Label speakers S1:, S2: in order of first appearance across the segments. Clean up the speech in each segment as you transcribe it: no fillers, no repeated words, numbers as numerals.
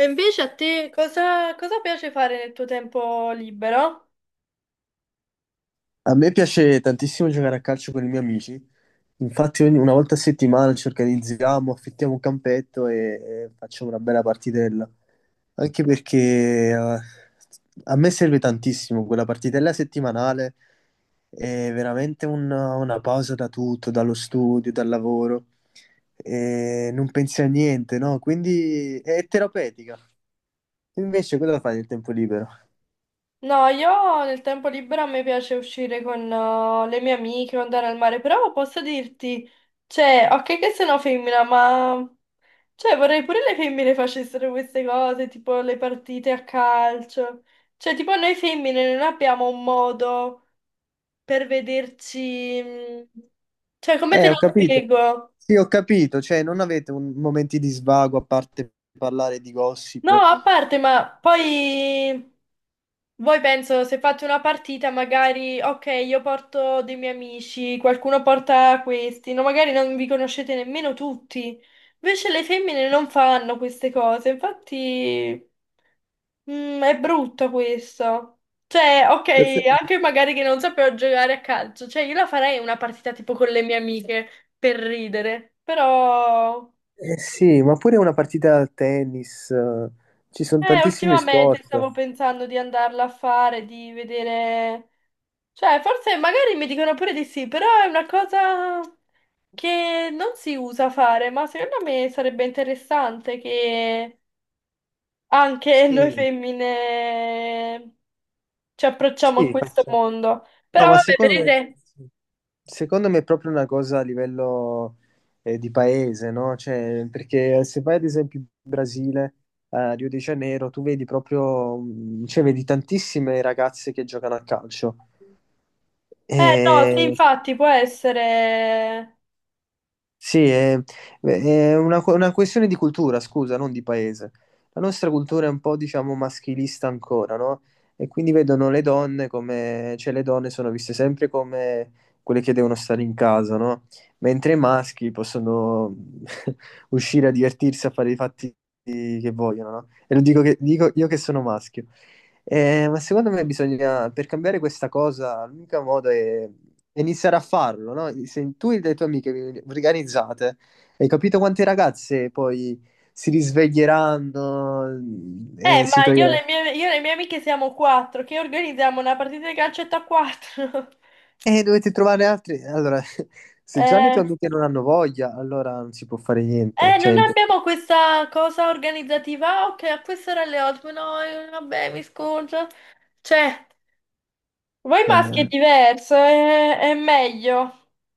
S1: E invece a te cosa piace fare nel tuo tempo libero?
S2: A me piace tantissimo giocare a calcio con i miei amici, infatti una volta a settimana ci organizziamo, affittiamo un campetto e facciamo una bella partitella, anche perché a me serve tantissimo quella partitella settimanale, è veramente una pausa da tutto, dallo studio, dal lavoro, e non pensi a niente, no? Quindi è terapeutica. Invece cosa fai nel tempo libero?
S1: No, io nel tempo libero a me piace uscire con le mie amiche o andare al mare, però posso dirti, cioè, ok che sono femmina, ma cioè, vorrei pure le femmine facessero queste cose, tipo le partite a calcio. Cioè, tipo noi femmine non abbiamo un modo per vederci. Cioè, come te lo
S2: Ho capito.
S1: spiego?
S2: Sì, ho capito, cioè non avete momenti di svago a parte parlare di
S1: No,
S2: gossip.
S1: a parte, ma poi... Voi penso, se fate una partita, magari, ok, io porto dei miei amici, qualcuno porta questi, no, magari non vi conoscete nemmeno tutti. Invece le femmine non fanno queste cose, infatti, è brutto questo. Cioè, ok,
S2: Eh,
S1: anche magari che non sapevo giocare a calcio, cioè io la farei una partita tipo con le mie amiche per ridere, però,
S2: sì, ma pure una partita a tennis, ci sono tantissimi
S1: ultimamente
S2: sport.
S1: stavo pensando di andarla a fare, di vedere. Cioè, forse magari mi dicono pure di sì, però è una cosa che non si usa fare, ma secondo me sarebbe interessante che anche noi
S2: Sì,
S1: femmine ci approcciamo a
S2: sì,
S1: questo
S2: faccio-
S1: mondo.
S2: no,
S1: Però
S2: ma
S1: vabbè, per il re...
S2: secondo me è proprio una cosa a livello di paese, no? Cioè, perché se vai ad esempio in Brasile, a Rio de Janeiro, tu vedi proprio, cioè, vedi tantissime ragazze che giocano a calcio.
S1: Eh no, sì,
S2: Eh,
S1: infatti può essere...
S2: sì, è una questione di cultura, scusa, non di paese. La nostra cultura è un po', diciamo, maschilista ancora, no? E quindi vedono le donne come, cioè le donne sono viste sempre come quelle che devono stare in casa, no? Mentre i maschi possono uscire a divertirsi, a fare i fatti che vogliono, no? E lo dico, dico io che sono maschio. Ma secondo me bisogna, per cambiare questa cosa, l'unico modo è iniziare a farlo, no? Se tu e le tue amiche vi organizzate, hai capito quante ragazze poi si risveglieranno e si
S1: Ma io e
S2: toglieranno?
S1: le mie, io e le mie amiche siamo quattro, che organizziamo una partita di calcetto a quattro.
S2: E dovete trovare altri. Allora, se già le
S1: Eh...
S2: tue amiche non hanno voglia, allora non si può fare niente. Cioè, è
S1: Non
S2: impossibile.
S1: abbiamo questa cosa organizzativa? Ok, a quest'ora alle 8, no, vabbè, mi scuso. Cioè, voi maschi è
S2: Eh,
S1: diverso, è meglio.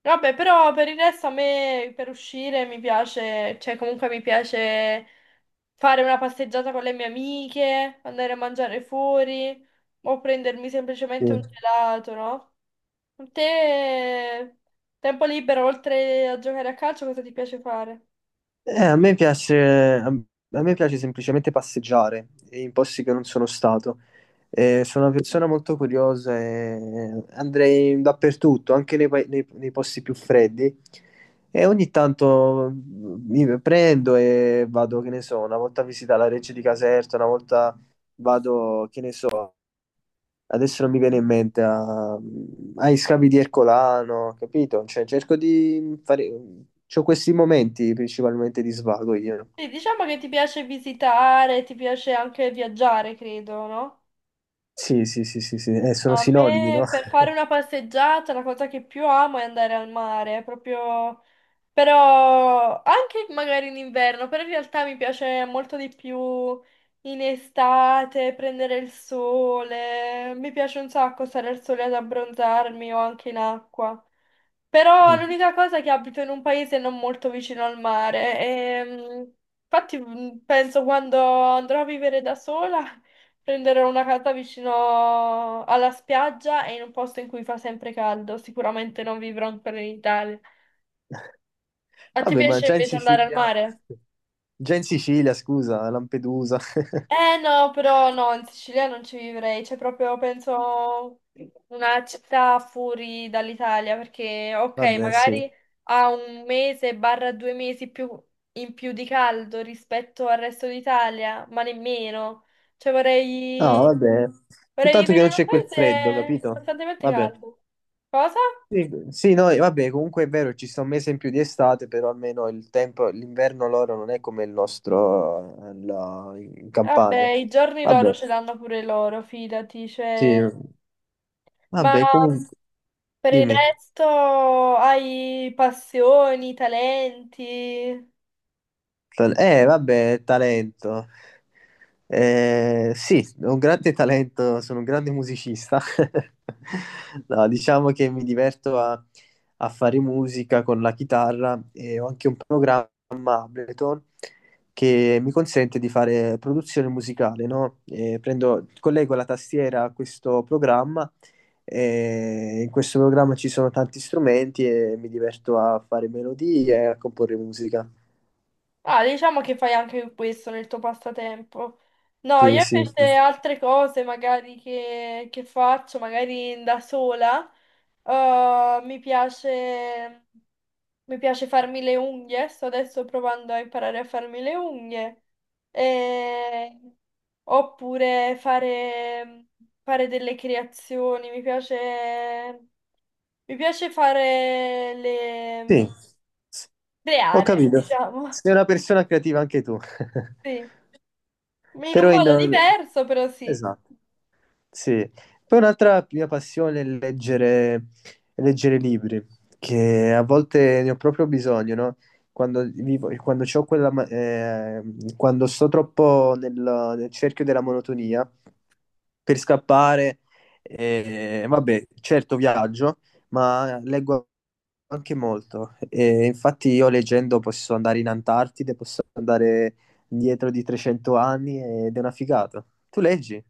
S1: Vabbè, però per il resto a me per uscire mi piace, cioè comunque mi piace fare una passeggiata con le mie amiche, andare a mangiare fuori o prendermi
S2: sì.
S1: semplicemente un gelato, no? Te, tempo libero, oltre a giocare a calcio, cosa ti piace fare?
S2: A me piace, a a me piace semplicemente passeggiare in posti che non sono stato. Sono una persona molto curiosa e andrei dappertutto, anche nei posti più freddi. E ogni tanto mi prendo e vado, che ne so, una volta a visitare la Reggia di Caserta, una volta vado, che ne so. Adesso non mi viene in mente, ai scavi di Ercolano, capito? Cioè, cerco di fare. C'ho questi momenti principalmente di svago io, no?
S1: Sì, diciamo che ti piace visitare, ti piace anche viaggiare, credo, no?
S2: Sì, sì, sì, sì, sì. Sono
S1: A
S2: sinonimi, no?
S1: me per fare una passeggiata la cosa che più amo è andare al mare, proprio... Però anche magari in inverno, però in realtà mi piace molto di più in estate, prendere il sole. Mi piace un sacco stare al sole ad abbronzarmi o anche in acqua. Però
S2: Mm.
S1: l'unica cosa è che abito in un paese non molto vicino al mare e infatti penso quando andrò a vivere da sola prenderò una casa vicino alla spiaggia e in un posto in cui fa sempre caldo, sicuramente non vivrò ancora in Italia. A te
S2: Vabbè, ma
S1: piace invece andare al mare?
S2: Già in Sicilia, scusa, a Lampedusa.
S1: Eh no, però no, in Sicilia non ci vivrei, c'è proprio, penso, una città fuori dall'Italia, perché ok,
S2: Vabbè, sì.
S1: magari ha un mese barra due mesi più, in più di caldo rispetto al resto d'Italia, ma nemmeno. Cioè
S2: No,
S1: vorrei,
S2: vabbè.
S1: vorrei
S2: Soltanto che
S1: vivere
S2: non
S1: in un
S2: c'è quel freddo,
S1: paese
S2: capito?
S1: costantemente
S2: Vabbè.
S1: caldo. Cosa?
S2: Sì, sì, no, e vabbè, comunque è vero, ci sta un mese in più di estate, però almeno il tempo, l'inverno loro non è come il nostro in Campania.
S1: Vabbè, i giorni loro
S2: Vabbè,
S1: ce l'hanno pure loro, fidati,
S2: sì,
S1: cioè... Ma
S2: vabbè, comunque,
S1: per il
S2: dimmi.
S1: resto hai passioni, talenti?
S2: Vabbè, talento. Sì, ho un grande talento, sono un grande musicista. No, diciamo che mi diverto a, a fare musica con la chitarra e ho anche un programma Ableton che mi consente di fare produzione musicale, no? Collego la tastiera a questo programma e in questo programma ci sono tanti strumenti e mi diverto a fare melodie e a comporre musica.
S1: Ah, diciamo che fai anche questo nel tuo passatempo. No,
S2: Sì,
S1: io
S2: sì, sì.
S1: invece altre cose magari che faccio, magari da sola, eh, mi piace, mi piace farmi le unghie, sto adesso provando a imparare a farmi le unghie, E- oppure fare, fare delle creazioni, mi piace fare
S2: Sì,
S1: le...
S2: ho
S1: creare,
S2: capito.
S1: diciamo,
S2: Sei una persona creativa anche tu.
S1: sì. In un
S2: Però in...
S1: modo diverso, però sì.
S2: Esatto, sì. Poi un'altra mia passione è leggere, leggere libri, che a volte ne ho proprio bisogno, no? Quando vivo, quando c'ho quella, ma- quando sto troppo nel, nel cerchio della monotonia, per scappare, vabbè, certo viaggio, ma leggo anche molto. E infatti io leggendo posso andare in Antartide, posso andare dietro di 300 anni ed è una figata. Tu leggi e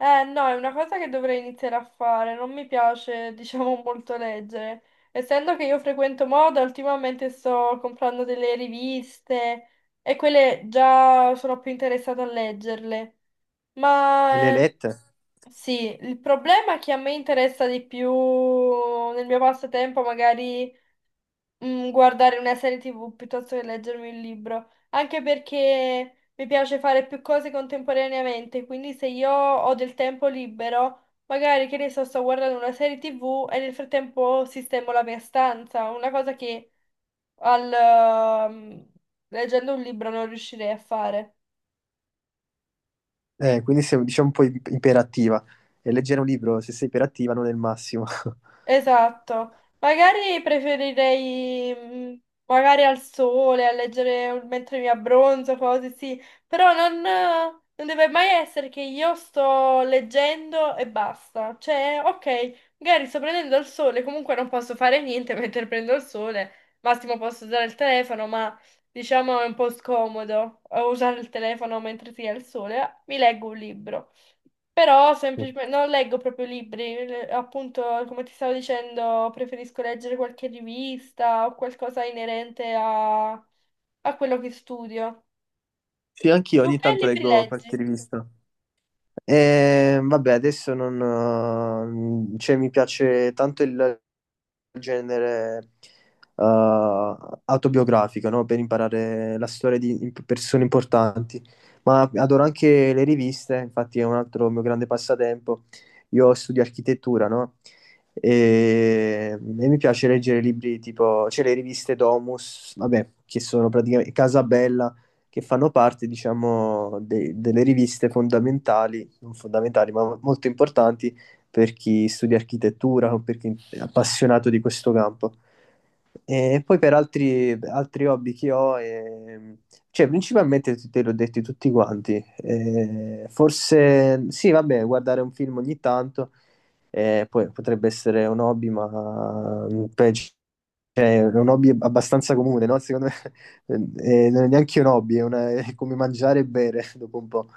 S1: No, è una cosa che dovrei iniziare a fare. Non mi piace, diciamo, molto leggere. Essendo che io frequento moda, ultimamente sto comprando delle riviste e quelle già sono più interessata a leggerle.
S2: le hai
S1: Ma
S2: lette,
S1: sì, il problema è che a me interessa di più nel mio passatempo magari guardare una serie TV piuttosto che leggermi un libro, anche perché mi piace fare più cose contemporaneamente, quindi se io ho del tempo libero, magari che ne so, sto guardando una serie TV e nel frattempo sistemo la mia stanza, una cosa che al, ehm, leggendo un libro non riuscirei a fare.
S2: eh, quindi sei diciamo un po' iperattiva. E leggere un libro, se sei iperattiva, non è il massimo.
S1: Esatto, magari preferirei magari al sole, a leggere un- mentre mi abbronzo, cose sì, però non, non deve mai essere che io sto leggendo e basta. Cioè, ok, magari sto prendendo il sole, comunque non posso fare niente mentre prendo il sole, massimo posso usare il telefono, ma diciamo è un po' scomodo usare il telefono mentre si ha il sole, mi leggo un libro. Però semplicemente non leggo proprio libri, le- appunto, come ti stavo dicendo, preferisco leggere qualche rivista o qualcosa inerente a quello che studio.
S2: Sì, anch'io
S1: Tu
S2: ogni
S1: che
S2: tanto
S1: libri
S2: leggo qualche
S1: leggi?
S2: rivista. E, vabbè, adesso non... cioè, mi piace tanto il genere eh, autobiografico, no? Per imparare la storia di persone importanti. Ma adoro anche le riviste, infatti è un altro mio grande passatempo. Io studio architettura, no? E mi piace leggere libri tipo, cioè le riviste Domus, vabbè, che sono praticamente Casabella che fanno parte, diciamo, delle riviste fondamentali, non fondamentali, ma molto importanti per chi studia architettura o per chi è appassionato di questo campo. E poi per altri hobby che ho, cioè principalmente te l'ho detti tutti quanti. Forse sì, vabbè, guardare un film ogni tanto, poi potrebbe essere un hobby, ma mm, peggio cioè, è un hobby abbastanza comune, no? Secondo me non è neanche un hobby, è, è come mangiare e bere dopo un po'.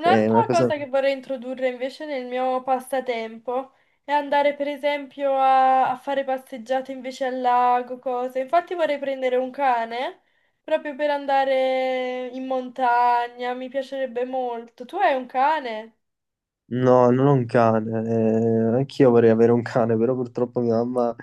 S2: È una cosa...
S1: cosa che vorrei introdurre invece nel mio passatempo è andare per esempio a fare passeggiate invece al lago, cose. Infatti vorrei prendere un cane proprio per andare in montagna, mi piacerebbe molto. Tu hai un cane?
S2: No, non ho un cane. Anch'io vorrei avere un cane, però purtroppo mia mamma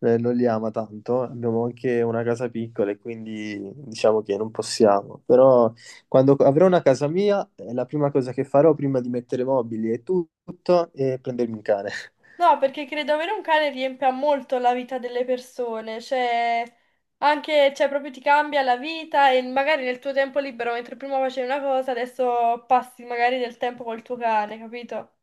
S2: non li ama tanto. Abbiamo anche una casa piccola e quindi diciamo che non possiamo. Però quando avrò una casa mia, è la prima cosa che farò prima di mettere mobili e tutto è prendermi un cane.
S1: No, perché credo avere un cane riempia molto la vita delle persone, cioè anche, cioè proprio ti cambia la vita e magari nel tuo tempo libero, mentre prima facevi una cosa, adesso passi magari del tempo col tuo cane, capito?